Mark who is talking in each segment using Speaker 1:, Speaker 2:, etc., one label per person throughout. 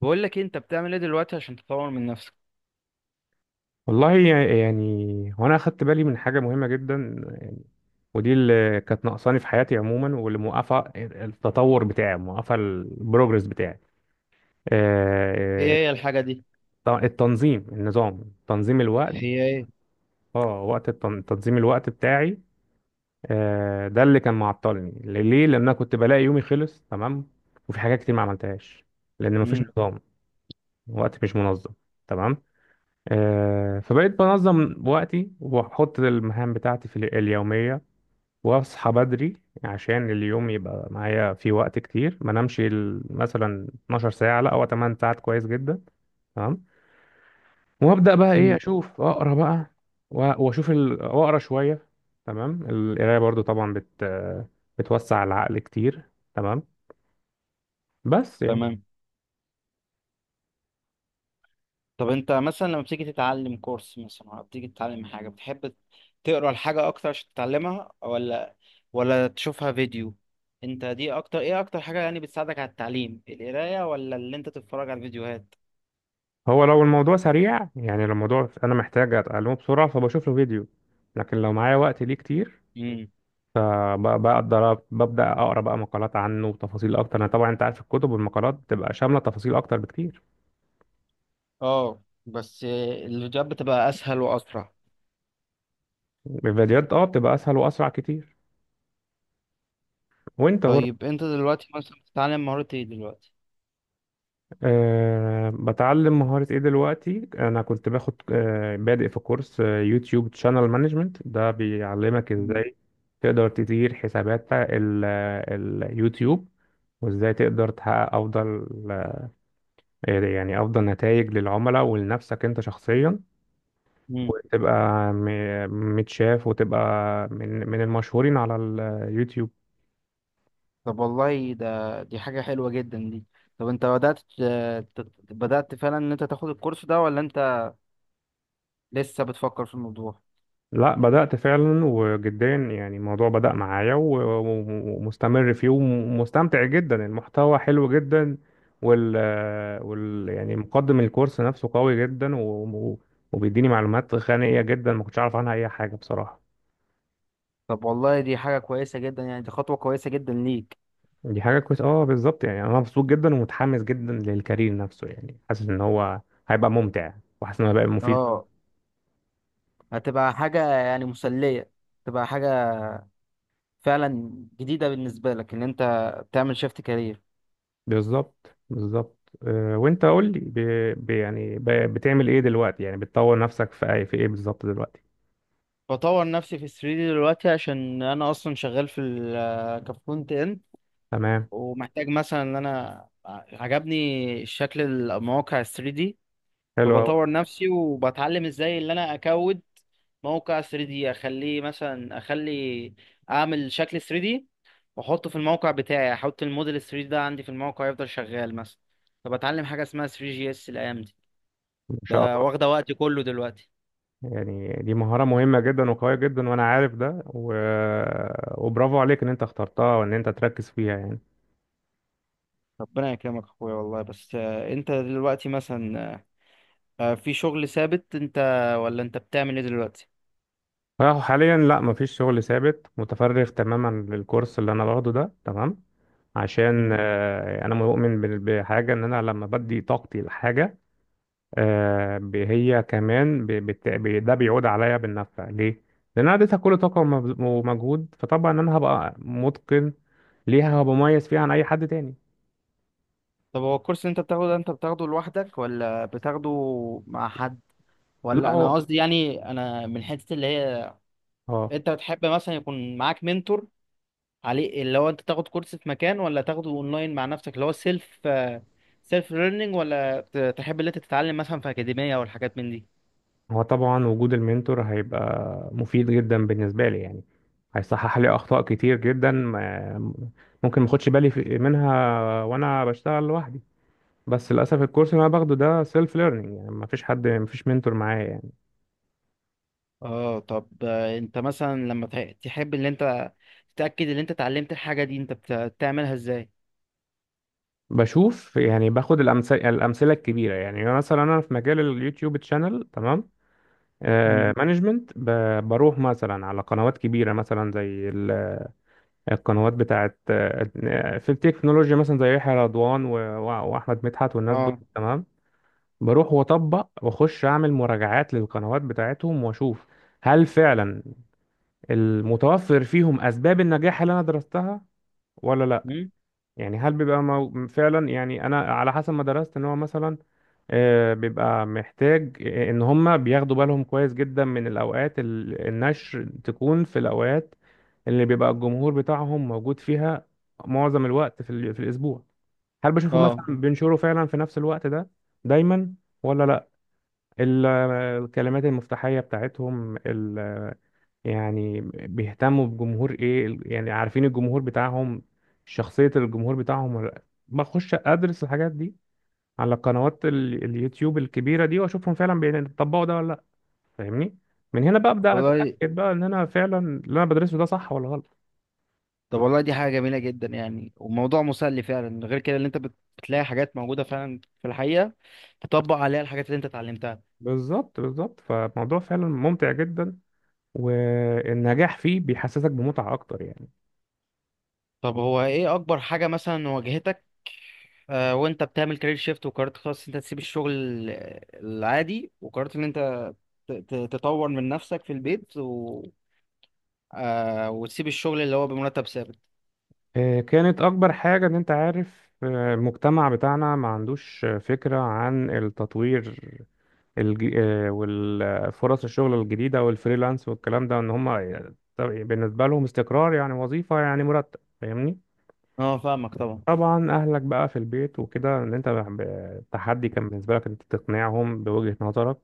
Speaker 1: بقول لك إيه، انت بتعمل ايه دلوقتي عشان تطور من نفسك؟
Speaker 2: والله يعني هو انا اخدت بالي من حاجه مهمه جدا، ودي اللي كانت ناقصاني في حياتي عموما واللي موقفه التطور بتاعي موقفه البروجرس بتاعي.
Speaker 1: ايه
Speaker 2: آه،
Speaker 1: هي الحاجة دي؟
Speaker 2: التنظيم النظام تنظيم الوقت.
Speaker 1: هي ايه؟
Speaker 2: اه وقت تنظيم الوقت بتاعي. ده اللي كان معطلني ليه لان انا كنت بلاقي يومي خلص تمام، وفي حاجات كتير ما عملتهاش لان مفيش
Speaker 1: مم.
Speaker 2: نظام. وقت مش منظم، تمام. فبقيت بنظم وقتي واحط المهام بتاعتي في اليوميه، واصحى بدري عشان اليوم يبقى معايا فيه وقت كتير، ما نمشي مثلا 12 ساعة، لا، هو 8 ساعات كويس جدا. تمام. وابدأ بقى ايه،
Speaker 1: مم.
Speaker 2: اشوف اقرا بقى، واشوف واقرا شوية. تمام، القراية برضو طبعا بتوسع العقل كتير، تمام، بس يعني.
Speaker 1: تمام. طب انت مثلا لما بتيجي تتعلم كورس مثلا او بتيجي تتعلم حاجه بتحب، تقرا الحاجه اكتر عشان تتعلمها ولا تشوفها فيديو؟ انت دي اكتر ايه، اكتر حاجه يعني بتساعدك على التعليم، القرايه ولا اللي انت تتفرج على الفيديوهات؟
Speaker 2: هو لو الموضوع سريع، يعني لو الموضوع انا محتاج اتعلمه بسرعة فبشوف له فيديو، لكن لو معايا وقت ليه كتير
Speaker 1: امم.
Speaker 2: فبقدر ببدأ أقرأ بقى مقالات عنه وتفاصيل أكتر. أنا طبعا أنت عارف الكتب والمقالات بتبقى شاملة تفاصيل أكتر بكتير.
Speaker 1: اه، بس الفيديوهات بتبقى اسهل واسرع.
Speaker 2: الفيديوهات بتبقى أسهل وأسرع كتير، وأنت برضه.
Speaker 1: طيب انت دلوقتي مثلا بتتعلم مهارة ايه دلوقتي؟
Speaker 2: بتعلم مهارة إيه دلوقتي، أنا كنت باخد بادئ في كورس يوتيوب شانل مانجمنت، ده بيعلمك
Speaker 1: مم.
Speaker 2: إزاي تقدر تدير حسابات اليوتيوب، وإزاي تقدر تحقق أفضل، يعني أفضل نتائج للعملاء ولنفسك أنت شخصيا،
Speaker 1: مم.
Speaker 2: وتبقى متشاف، وتبقى من المشهورين على اليوتيوب.
Speaker 1: طب والله، ده دي حاجة حلوة جدا دي. طب انت بدأت بدأت فعلا ان انت تاخد الكورس ده، ولا انت لسه بتفكر في الموضوع؟
Speaker 2: لا، بدأت فعلا وجدا، يعني الموضوع بدأ معايا ومستمر فيه ومستمتع جدا. المحتوى حلو جدا، وال, وال يعني مقدم الكورس نفسه قوي جدا، و- وبيديني معلومات غنية جدا ما كنتش أعرف عنها أي حاجة بصراحة.
Speaker 1: طب والله دي حاجة كويسة جدا، يعني دي خطوة كويسة جدا ليك.
Speaker 2: دي حاجة كويسة، اه بالظبط، يعني أنا مبسوط جدا ومتحمس جدا للكارير نفسه، يعني حاسس إن هو هيبقى ممتع، وحاسس إن هو هيبقى مفيد.
Speaker 1: اه، هتبقى حاجة يعني مسلية، تبقى حاجة فعلا جديدة بالنسبة لك ان انت تعمل شيفت كارير.
Speaker 2: بالظبط بالظبط. وانت قول لي، بتعمل ايه دلوقتي، يعني بتطور نفسك في اي في ايه بالظبط دلوقتي.
Speaker 1: بطور نفسي في 3D دلوقتي عشان انا اصلا شغال في كفرونت اند.
Speaker 2: تمام،
Speaker 1: ومحتاج مثلا ان انا عجبني شكل المواقع ال 3D،
Speaker 2: حلو قوي،
Speaker 1: فبطور نفسي وبتعلم ازاي اللي انا اكود موقع 3D اخليه مثلا، اخلي اعمل شكل 3D واحطه في الموقع بتاعي، احط الموديل 3D ده عندي في الموقع يفضل شغال مثلا. فبتعلم حاجة اسمها 3 جي اس الايام دي،
Speaker 2: ان شاء
Speaker 1: بقى
Speaker 2: الله.
Speaker 1: واخدة وقتي كله دلوقتي.
Speaker 2: يعني دي مهارة مهمة جدا وقوية جدا، وانا عارف ده، و... آه، وبرافو عليك ان انت اخترتها وان انت تركز فيها يعني.
Speaker 1: ربنا يكرمك اخويا والله. بس انت دلوقتي مثلا، في شغل ثابت انت، ولا انت بتعمل ايه دلوقتي؟
Speaker 2: حاليا لا، مفيش شغل ثابت، متفرغ تماما للكورس اللي انا باخده ده، تمام. عشان
Speaker 1: مم.
Speaker 2: انا مؤمن بحاجة ان انا لما بدي طاقتي لحاجة، هي كمان، ده بيعود عليا بالنفع، ليه؟ لأن أنا اديتها كل طاقة ومجهود، فطبعا أنا هبقى متقن ليها، هبقى مميز فيها عن أي حد تاني.
Speaker 1: طب هو الكورس اللي انت بتاخده ده، انت بتاخده لوحدك ولا بتاخده مع حد؟
Speaker 2: لا،
Speaker 1: ولا
Speaker 2: هو
Speaker 1: انا
Speaker 2: مم.
Speaker 1: قصدي يعني، انا من حته اللي هي،
Speaker 2: اه.
Speaker 1: انت بتحب مثلا يكون معاك منتور عليه؟ اللي هو انت تاخد كورس في مكان، ولا تاخده اونلاين مع نفسك اللي هو سيلف ليرنينج، ولا تحب اللي انت تتعلم مثلا في اكاديميه او الحاجات من دي؟
Speaker 2: هو طبعا وجود المنتور هيبقى مفيد جدا بالنسبة لي يعني، هيصحح لي أخطاء كتير جدا ممكن ماخدش بالي منها وأنا بشتغل لوحدي. بس للأسف الكورس اللي أنا باخده ده سيلف ليرنينج، يعني مفيش حد، مفيش منتور معايا.
Speaker 1: اه. طب انت مثلا لما تحب ان انت تتاكد ان انت اتعلمت الحاجه دي، انت بتعملها ازاي؟
Speaker 2: بشوف يعني باخد الأمثلة الكبيرة يعني. مثلا أنا في مجال اليوتيوب تشانل، تمام،
Speaker 1: مم.
Speaker 2: مانجمنت، بروح مثلا على قنوات كبيرة، مثلا زي القنوات بتاعت في التكنولوجيا، مثلا زي يحيى رضوان وأحمد مدحت والناس دول،
Speaker 1: اه.
Speaker 2: تمام. بروح وأطبق وأخش أعمل مراجعات للقنوات بتاعتهم، وأشوف هل فعلا المتوفر فيهم أسباب النجاح اللي أنا درستها ولا لا.
Speaker 1: مم؟
Speaker 2: يعني هل بيبقى فعلا، يعني أنا على حسب ما درست إن هو مثلا بيبقى محتاج ان هما بياخدوا بالهم كويس جدا من الاوقات، النشر تكون في الاوقات اللي بيبقى الجمهور بتاعهم موجود فيها معظم الوقت في الاسبوع. هل بشوفه
Speaker 1: اه
Speaker 2: مثلا بينشروا فعلا في نفس الوقت ده دايما ولا لا؟ ال- الكلمات المفتاحية بتاعتهم، يعني بيهتموا بجمهور ايه، يعني عارفين الجمهور بتاعهم، شخصية الجمهور بتاعهم ولا لأ؟ بخش ادرس الحاجات دي على قنوات اليوتيوب الكبيرة دي، واشوفهم فعلا بيطبقوا ده ولا لا، فاهمني؟ من هنا بقى ابدا
Speaker 1: والله.
Speaker 2: اتاكد بقى ان انا فعلا اللي انا بدرسه ده صح ولا غلط.
Speaker 1: طب والله دي حاجة جميلة جدا يعني، وموضوع مسلي فعلا، غير كده اللي انت بتلاقي حاجات موجودة فعلا في الحقيقة تطبق عليها الحاجات اللي انت اتعلمتها.
Speaker 2: بالظبط بالظبط، فالموضوع فعلا ممتع جدا، والنجاح فيه بيحسسك بمتعة اكتر يعني.
Speaker 1: طب هو ايه اكبر حاجة مثلا واجهتك وانت بتعمل كارير شيفت، وقررت خلاص انت تسيب الشغل العادي، وقررت ان انت تطور من نفسك في البيت و... آه وتسيب الشغل اللي هو بمرتب ثابت؟
Speaker 2: كانت اكبر حاجة ان انت عارف، المجتمع بتاعنا ما عندوش فكرة عن التطوير، الج... آه، والفرص، الشغل الجديدة والفريلانس والكلام ده، ان هم بالنسبة لهم استقرار، يعني وظيفة، يعني مرتب، فاهمني.
Speaker 1: اه، فاهمك طبعا.
Speaker 2: طبعا اهلك بقى في البيت وكده ان انت، التحدي كان بالنسبه لك انت تقنعهم بوجهه نظرك،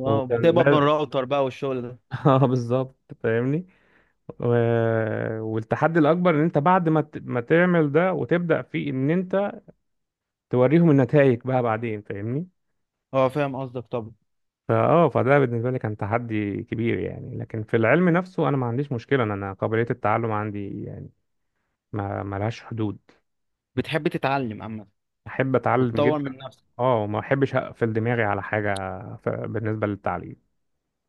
Speaker 1: اه،
Speaker 2: وكان
Speaker 1: بتقبض من
Speaker 2: لازم.
Speaker 1: الراوتر بقى والشغل ده.
Speaker 2: اه بالظبط، فاهمني. و... والتحدي الاكبر ان انت بعد ما ما تعمل ده وتبدا فيه ان انت توريهم النتائج بقى بعدين، فاهمني.
Speaker 1: اه، فاهم قصدك طبعا.
Speaker 2: فده بالنسبه لي كان تحدي كبير يعني. لكن في العلم نفسه انا ما عنديش مشكله، أنا قابليه التعلم عندي يعني ما لهاش حدود.
Speaker 1: بتحب تتعلم عامة
Speaker 2: احب اتعلم
Speaker 1: وتطور
Speaker 2: جدا،
Speaker 1: من نفسك؟
Speaker 2: اه، وما احبش اقفل دماغي على حاجه بالنسبه للتعليم.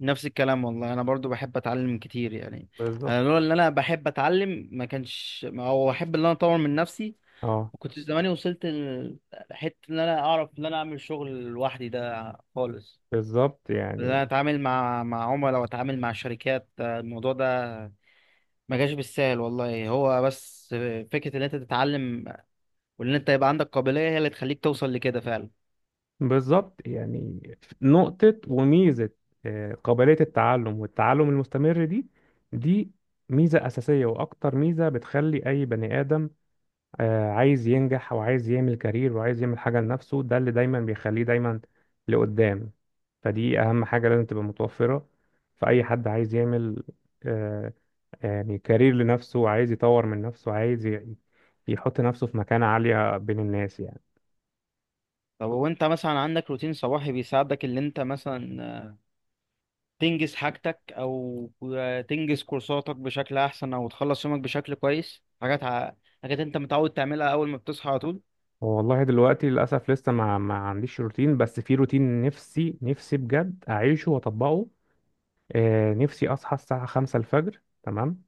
Speaker 1: نفس الكلام والله، انا برضو بحب اتعلم كتير يعني. انا
Speaker 2: بالظبط،
Speaker 1: لولا ان انا بحب اتعلم ما كانش، او احب ان انا اطور من نفسي،
Speaker 2: اه
Speaker 1: ما كنتش زماني وصلت لحته ان انا اعرف ان انا اعمل شغل لوحدي ده خالص.
Speaker 2: بالظبط
Speaker 1: ان
Speaker 2: يعني،
Speaker 1: انا اتعامل مع عملاء واتعامل مع شركات. الموضوع ده ما جاش بالسهل والله. هو بس فكره ان انت تتعلم، وان انت يبقى عندك قابليه هي اللي تخليك توصل لكده فعلا.
Speaker 2: بالظبط يعني، نقطة وميزة. قابلية التعلم والتعلم المستمر دي، دي ميزة أساسية، وأكتر ميزة بتخلي أي بني آدم عايز ينجح وعايز يعمل كارير وعايز يعمل حاجة لنفسه، ده اللي دايما بيخليه دايما لقدام. فدي أهم حاجة لازم تبقى متوفرة في أي حد عايز يعمل آه، يعني كارير لنفسه، وعايز يطور من نفسه، وعايز يحط نفسه في مكانة عالية بين الناس يعني.
Speaker 1: طب وانت مثلا عندك روتين صباحي بيساعدك ان انت مثلا تنجز حاجتك، او تنجز كورساتك بشكل احسن، او تخلص يومك بشكل كويس؟ حاجات انت متعود تعملها اول ما بتصحى على طول.
Speaker 2: هو والله دلوقتي للأسف لسه ما عنديش روتين، بس في روتين نفسي نفسي بجد أعيشه وأطبقه. نفسي أصحى الساعة 5 الفجر، تمام،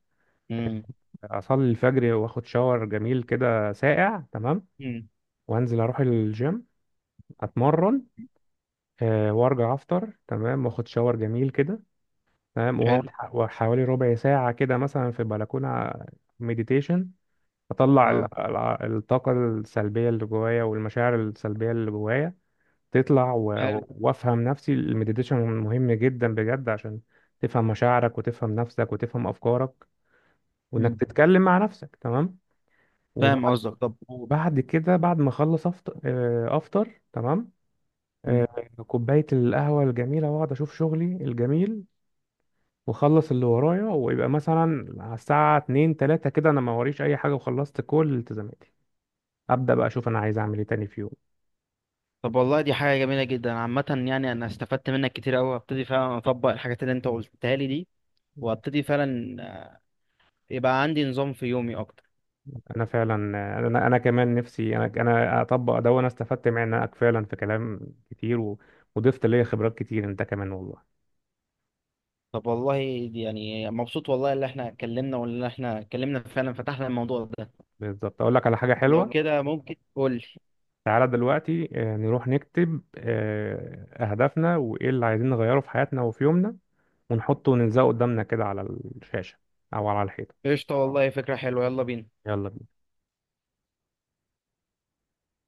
Speaker 1: امم.
Speaker 2: أصلي الفجر وآخد شاور جميل كده ساقع، تمام،
Speaker 1: مم.
Speaker 2: وأنزل أروح الجيم، أتمرن، وأرجع أفطر، تمام، وآخد شاور جميل كده، تمام، وأقعد
Speaker 1: حلو.
Speaker 2: حوالي ربع ساعة كده مثلا في البلكونة، مديتيشن. أطلع
Speaker 1: اه.
Speaker 2: الطاقة السلبية اللي جوايا والمشاعر السلبية اللي جوايا، تطلع،
Speaker 1: حلو.
Speaker 2: وافهم نفسي. المديتيشن مهم جدا بجد، عشان تفهم مشاعرك وتفهم نفسك وتفهم افكارك، وانك
Speaker 1: مم.
Speaker 2: تتكلم مع نفسك، تمام.
Speaker 1: فاهم
Speaker 2: وبعد
Speaker 1: قصدك. طب.
Speaker 2: وبعد كده بعد ما اخلص افطر، افطر، تمام.
Speaker 1: مم.
Speaker 2: آه، كوبايه القهوه الجميله، واقعد اشوف شغلي الجميل، واخلص اللي ورايا، ويبقى مثلا على الساعه 2 3 كده انا ما وريش اي حاجه وخلصت كل التزاماتي. ابدا بقى اشوف انا عايز اعمل ايه تاني في يوم.
Speaker 1: طب والله دي حاجة جميلة جدا عامة، يعني أنا استفدت منك كتير أوي، هبتدي فعلا أطبق الحاجات اللي أنت قلتها لي دي، وهبتدي فعلا يبقى عندي نظام في يومي أكتر.
Speaker 2: انا فعلا، انا كمان نفسي، انا اطبق ده، وانا استفدت معاك فعلا في كلام كتير، وضفت ليا خبرات كتير انت كمان والله.
Speaker 1: طب والله دي يعني، مبسوط والله اللي احنا اتكلمنا، فعلا فتحنا الموضوع ده.
Speaker 2: بالظبط. اقول لك على حاجه
Speaker 1: لو
Speaker 2: حلوه،
Speaker 1: كده ممكن قول لي.
Speaker 2: تعالى دلوقتي نروح نكتب اهدافنا وايه اللي عايزين نغيره في حياتنا وفي يومنا، ونحطه ونلزقه قدامنا كده على الشاشه او على الحيطه.
Speaker 1: قشطة والله، فكرة حلوة، يلا بينا.
Speaker 2: يلا بينا.